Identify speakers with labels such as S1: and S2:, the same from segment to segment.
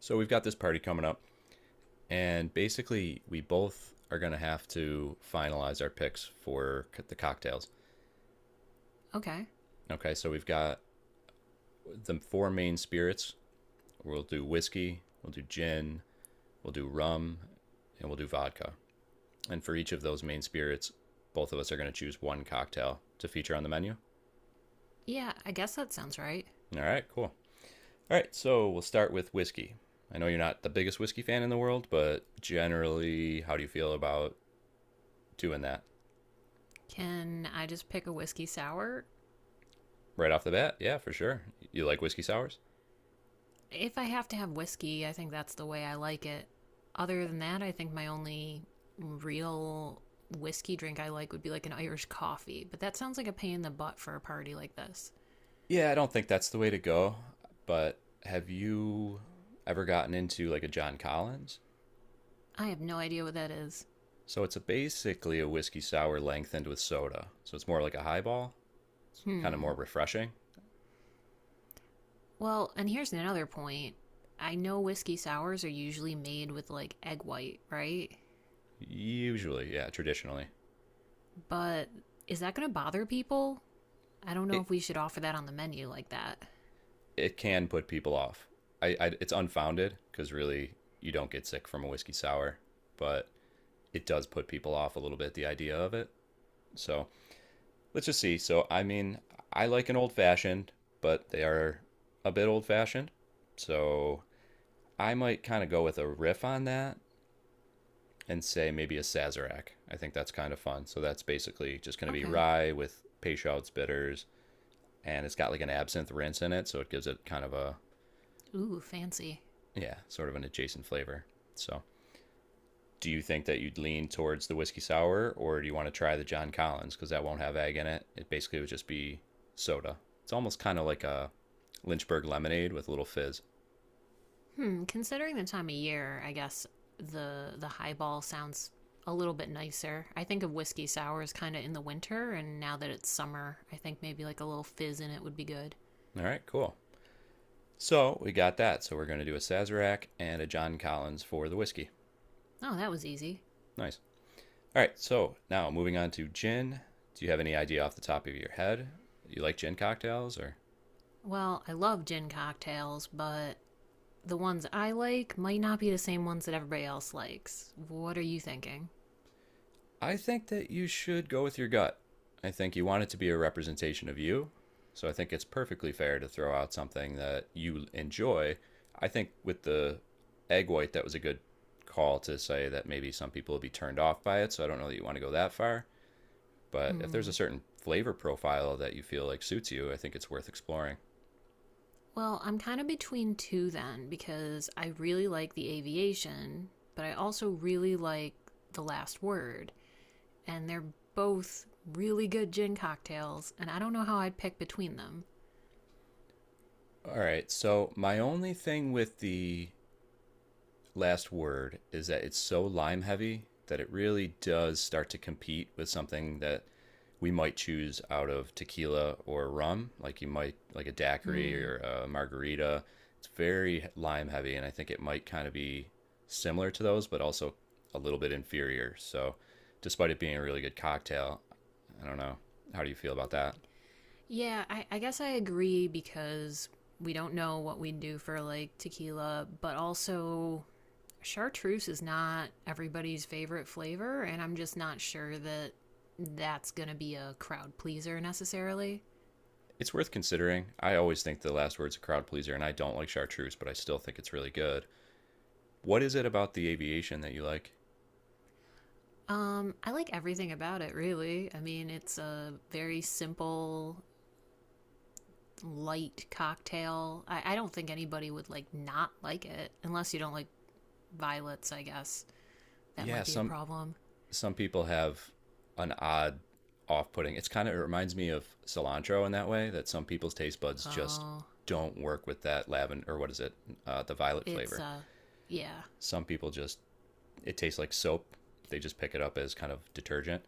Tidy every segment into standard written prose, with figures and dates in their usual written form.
S1: So we've got this party coming up, and basically we both are going to have to finalize our picks for the cocktails.
S2: Okay.
S1: Okay, so we've got the four main spirits. We'll do whiskey, we'll do gin, we'll do rum, and we'll do vodka. And for each of those main spirits, both of us are going to choose one cocktail to feature on the menu.
S2: Yeah, I guess that sounds right.
S1: All right, cool. All right, so we'll start with whiskey. I know you're not the biggest whiskey fan in the world, but generally, how do you feel about doing that?
S2: Can I just pick a whiskey sour?
S1: Right off the bat. Yeah, for sure. You like whiskey sours?
S2: If I have to have whiskey, I think that's the way I like it. Other than that, I think my only real whiskey drink I like would be like an Irish coffee, but that sounds like a pain in the butt for a party like this.
S1: Yeah, I don't think that's the way to go. But have you ever gotten into like a John Collins?
S2: I have no idea what that is.
S1: So it's a basically a whiskey sour lengthened with soda. So it's more like a highball. It's kind of
S2: Hmm.
S1: more refreshing.
S2: Well, and here's another point. I know whiskey sours are usually made with like egg white, right?
S1: Usually, yeah, traditionally,
S2: But is that going to bother people? I don't know
S1: it
S2: if we should offer that on the menu like that.
S1: it can put people off. I it's unfounded because really you don't get sick from a whiskey sour, but it does put people off a little bit the idea of it. So let's just see. So, I mean, I like an old fashioned, but they are a bit old fashioned. So, I might kind of go with a riff on that and say maybe a Sazerac. I think that's kind of fun. So, that's basically just going to be
S2: Okay.
S1: rye with Peychaud's bitters, and it's got like an absinthe rinse in it. So, it gives it kind of a,
S2: Ooh, fancy.
S1: yeah, sort of an adjacent flavor. So, do you think that you'd lean towards the whiskey sour or do you want to try the John Collins because that won't have egg in it? It basically would just be soda. It's almost kind of like a Lynchburg lemonade with a little fizz.
S2: Hmm. Considering the time of year, I guess the highball sounds a little bit nicer. I think of whiskey sours kind of in the winter, and now that it's summer, I think maybe like a little fizz in it would be good.
S1: All right, cool. So we got that. So we're going to do a Sazerac and a John Collins for the whiskey.
S2: Oh, that was easy.
S1: Nice. All right, so now moving on to gin. Do you have any idea off the top of your head? You like gin cocktails or?
S2: Well, I love gin cocktails, but the ones I like might not be the same ones that everybody else likes. What are you thinking?
S1: I think that you should go with your gut. I think you want it to be a representation of you. So I think it's perfectly fair to throw out something that you enjoy. I think with the egg white, that was a good call to say that maybe some people will be turned off by it. So I don't know that you want to go that far. But if there's a
S2: Hmm.
S1: certain flavor profile that you feel like suits you, I think it's worth exploring.
S2: Well, I'm kind of between two then because I really like the aviation, but I also really like the last word, and they're both really good gin cocktails, and I don't know how I'd pick between them.
S1: All right. So my only thing with the last word is that it's so lime heavy that it really does start to compete with something that we might choose out of tequila or rum, like you might like a daiquiri
S2: Hmm.
S1: or a margarita. It's very lime heavy, and I think it might kind of be similar to those, but also a little bit inferior. So, despite it being a really good cocktail, I don't know. How do you feel about that?
S2: Yeah, I guess I agree because we don't know what we'd do for like tequila, but also chartreuse is not everybody's favorite flavor, and I'm just not sure that that's gonna be a crowd pleaser necessarily.
S1: It's worth considering. I always think The Last Word's a crowd pleaser, and I don't like Chartreuse, but I still think it's really good. What is it about the aviation that you like?
S2: I like everything about it, really. I mean, it's a very simple, light cocktail. I don't think anybody would like not like it, unless you don't like violets. I guess that
S1: Yeah,
S2: might be a
S1: some
S2: problem.
S1: some people have an odd off-putting. It's kind of it reminds me of cilantro in that way that some people's taste buds just
S2: Oh,
S1: don't work with that lavender or what is it, the violet
S2: it's
S1: flavor.
S2: yeah,
S1: Some people just it tastes like soap. They just pick it up as kind of detergent.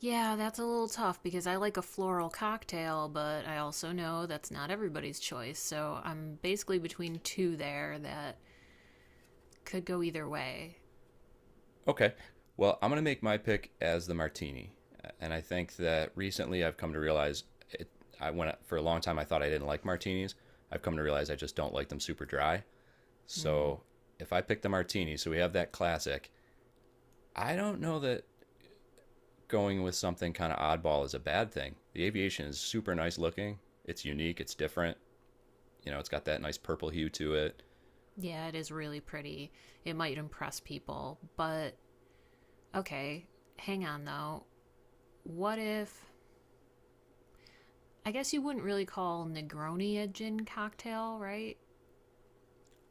S2: yeah. That's a little tough because I like a floral cocktail, but I also know that's not everybody's choice. So I'm basically between two there that could go either way.
S1: Okay. Well, I'm going to make my pick as the martini. And I think that recently I've come to realize it, I went for a long time I thought I didn't like martinis. I've come to realize I just don't like them super dry.
S2: Mm.
S1: So if I pick the martini, so we have that classic, I don't know that going with something kind of oddball is a bad thing. The aviation is super nice looking. It's unique, it's different. You know, it's got that nice purple hue to it.
S2: Yeah, it is really pretty. It might impress people, but okay, hang on though. What if I guess you wouldn't really call Negroni a gin cocktail, right?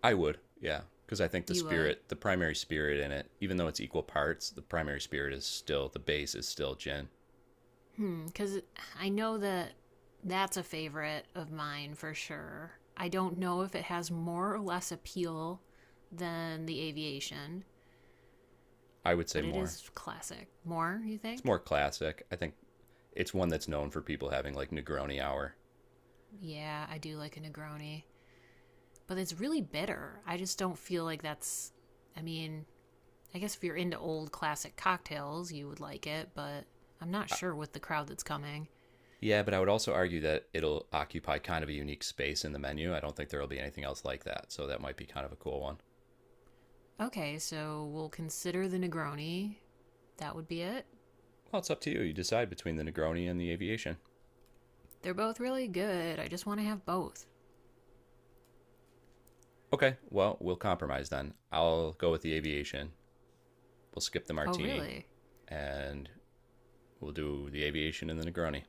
S1: I would, yeah, because I think the
S2: You would.
S1: spirit, the primary spirit in it, even though it's equal parts, the primary spirit is still the base is still gin.
S2: Hmm, cuz I know that that's a favorite of mine for sure. I don't know if it has more or less appeal than the aviation,
S1: I would say
S2: but it
S1: more.
S2: is classic. More, you
S1: It's
S2: think?
S1: more classic. I think it's one that's known for people having like Negroni hour.
S2: Yeah, I do like a Negroni, but it's really bitter. I just don't feel like that's I mean, I guess if you're into old classic cocktails, you would like it, but I'm not
S1: I,
S2: sure with the crowd that's coming.
S1: yeah, but I would also argue that it'll occupy kind of a unique space in the menu. I don't think there will be anything else like that, so that might be kind of a cool one.
S2: Okay, so we'll consider the Negroni. That would be it.
S1: Well, it's up to you. You decide between the Negroni and the Aviation.
S2: They're both really good. I just want to have both.
S1: Okay, well, we'll compromise then. I'll go with the Aviation. We'll skip the
S2: Oh,
S1: martini
S2: really?
S1: and we'll do the aviation and the Negroni.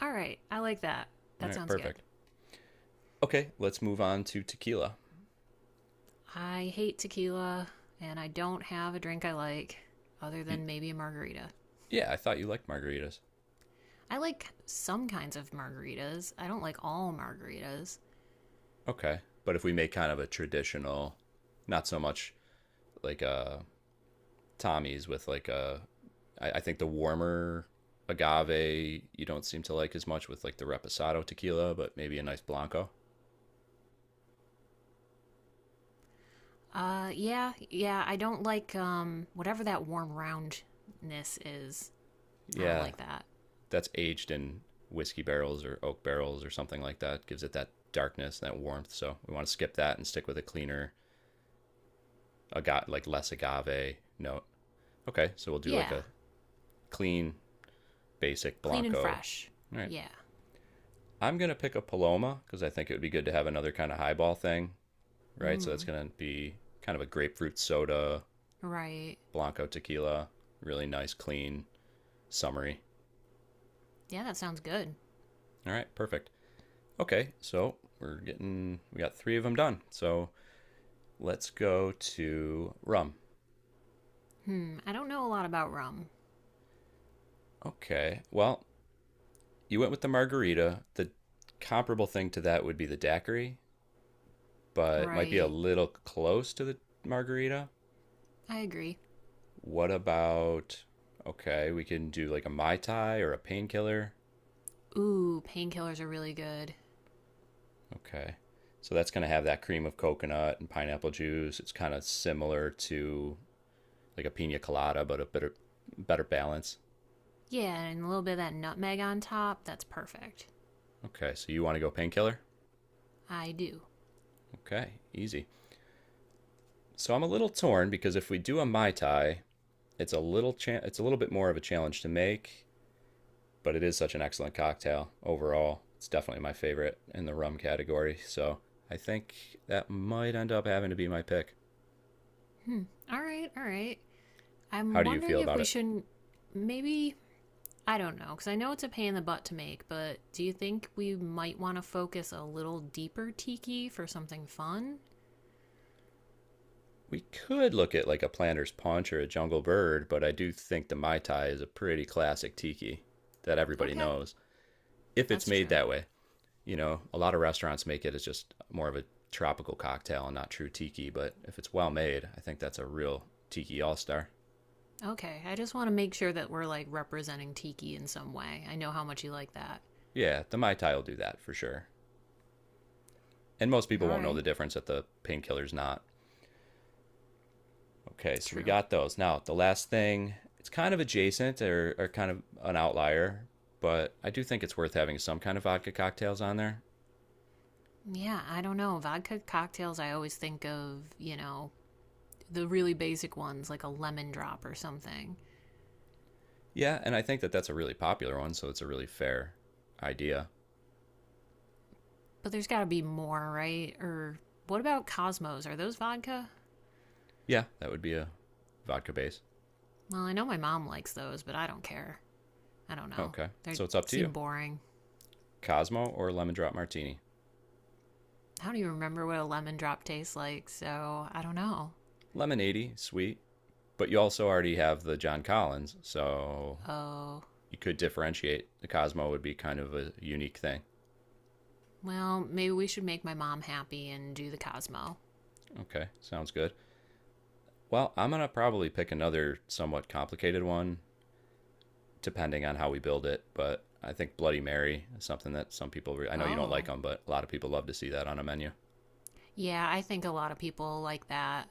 S2: All right, I like that.
S1: All
S2: That
S1: right,
S2: sounds good.
S1: perfect. Okay, let's move on to tequila.
S2: I hate tequila, and I don't have a drink I like other
S1: You,
S2: than maybe a margarita.
S1: yeah, I thought you liked margaritas.
S2: I like some kinds of margaritas. I don't like all margaritas.
S1: Okay, but if we make kind of a traditional, not so much like a Tommy's with like a, I think the warmer agave you don't seem to like as much with like the reposado tequila, but maybe a nice blanco.
S2: Yeah, yeah. I don't like whatever that warm roundness is. I don't
S1: Yeah,
S2: like that.
S1: that's aged in whiskey barrels or oak barrels or something like that. Gives it that darkness, and that warmth. So we want to skip that and stick with a cleaner agave, like less agave note. Okay, so we'll do like
S2: Yeah,
S1: a clean, basic
S2: clean and
S1: Blanco.
S2: fresh.
S1: All right,
S2: Yeah.
S1: I'm gonna pick a Paloma because I think it would be good to have another kind of highball thing, right? So that's
S2: Mm.
S1: gonna be kind of a grapefruit soda,
S2: Right.
S1: Blanco tequila, really nice, clean, summery.
S2: Yeah, that sounds good.
S1: All right, perfect. Okay, so we're getting we got three of them done. So let's go to rum.
S2: Hmm. I don't know a lot about rum.
S1: Okay, well you went with the margarita. The comparable thing to that would be the daiquiri, but might be a
S2: Right.
S1: little close to the margarita.
S2: I agree.
S1: What about, okay, we can do like a Mai Tai or a painkiller.
S2: Ooh, painkillers are really good.
S1: Okay. So that's going to have that cream of coconut and pineapple juice. It's kind of similar to like a pina colada, but a better, better balance.
S2: Yeah, and a little bit of that nutmeg on top. That's perfect.
S1: Okay. So you want to go painkiller?
S2: I do.
S1: Okay. Easy. So I'm a little torn because if we do a Mai Tai, it's it's a little bit more of a challenge to make but it is such an excellent cocktail overall. It's definitely my favorite in the rum category. So I think that might end up having to be my pick.
S2: Hmm. All right. All right. I'm
S1: How do you
S2: wondering
S1: feel
S2: if
S1: about
S2: we
S1: it?
S2: shouldn't maybe I don't know, because I know it's a pain in the butt to make, but do you think we might want to focus a little deeper tiki for something fun?
S1: We could look at like a planter's punch or a jungle bird, but I do think the Mai Tai is a pretty classic tiki that everybody
S2: Okay,
S1: knows if it's
S2: that's
S1: made
S2: true.
S1: that way. You know, a lot of restaurants make it as just more of a tropical cocktail and not true tiki, but if it's well made, I think that's a real tiki all star.
S2: Okay, I just want to make sure that we're like representing tiki in some way. I know how much you like that.
S1: Yeah, the Mai Tai will do that for sure. And most people
S2: All
S1: won't know the
S2: right,
S1: difference that the painkiller's not. Okay, so we
S2: true.
S1: got those. Now, the last thing, it's kind of adjacent or kind of an outlier, but I do think it's worth having some kind of vodka cocktails on there.
S2: Yeah, I don't know. Vodka cocktails, I always think of, the really basic ones like a lemon drop or something.
S1: Yeah, and I think that that's a really popular one, so it's a really fair idea.
S2: But there's got to be more, right? Or what about Cosmos? Are those vodka?
S1: Yeah, that would be a vodka base.
S2: Well, I know my mom likes those, but I don't care. I don't know.
S1: Okay,
S2: They
S1: so it's up to you,
S2: seem boring.
S1: Cosmo or lemon drop martini.
S2: I don't even remember what a lemon drop tastes like, so I don't know.
S1: Lemonade, sweet, but you also already have the John Collins, so
S2: Oh,
S1: you could differentiate. The Cosmo would be kind of a unique thing.
S2: well, maybe we should make my mom happy and do the Cosmo.
S1: Okay, sounds good. Well, I'm going to probably pick another somewhat complicated one, depending on how we build it. But I think Bloody Mary is something that I know you don't like
S2: Oh,
S1: them, but a lot of people love to see that on a menu.
S2: yeah, I think a lot of people like that.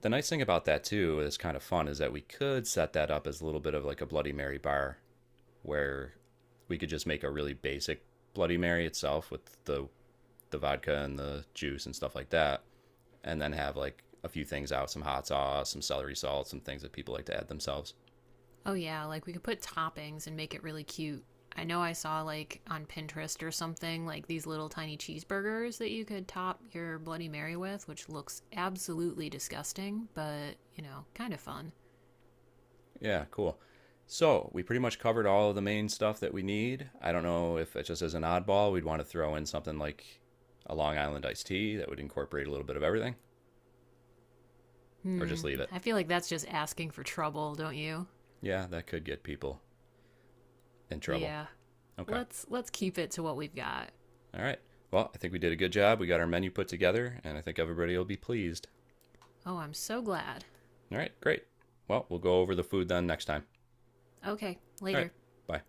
S1: The nice thing about that, too, is kind of fun, is that we could set that up as a little bit of like a Bloody Mary bar where we could just make a really basic Bloody Mary itself with the vodka and the juice and stuff like that. And then have like a few things out some hot sauce, some celery salt, some things that people like to add themselves.
S2: Oh, yeah, like we could put toppings and make it really cute. I know I saw like on Pinterest or something like these little tiny cheeseburgers that you could top your Bloody Mary with, which looks absolutely disgusting, but you know, kind of fun.
S1: Yeah, cool. So we pretty much covered all of the main stuff that we need. I don't know if it just as an oddball, we'd want to throw in something like a Long Island iced tea that would incorporate a little bit of everything, or
S2: Hmm.
S1: just leave it.
S2: I feel like that's just asking for trouble, don't you?
S1: Yeah, that could get people in trouble.
S2: Yeah.
S1: Okay.
S2: Let's keep it to what we've got.
S1: All right. Well, I think we did a good job. We got our menu put together, and I think everybody will be pleased.
S2: Oh, I'm so glad.
S1: All right, great. Well, we'll go over the food then next time.
S2: Okay,
S1: All right,
S2: later.
S1: bye.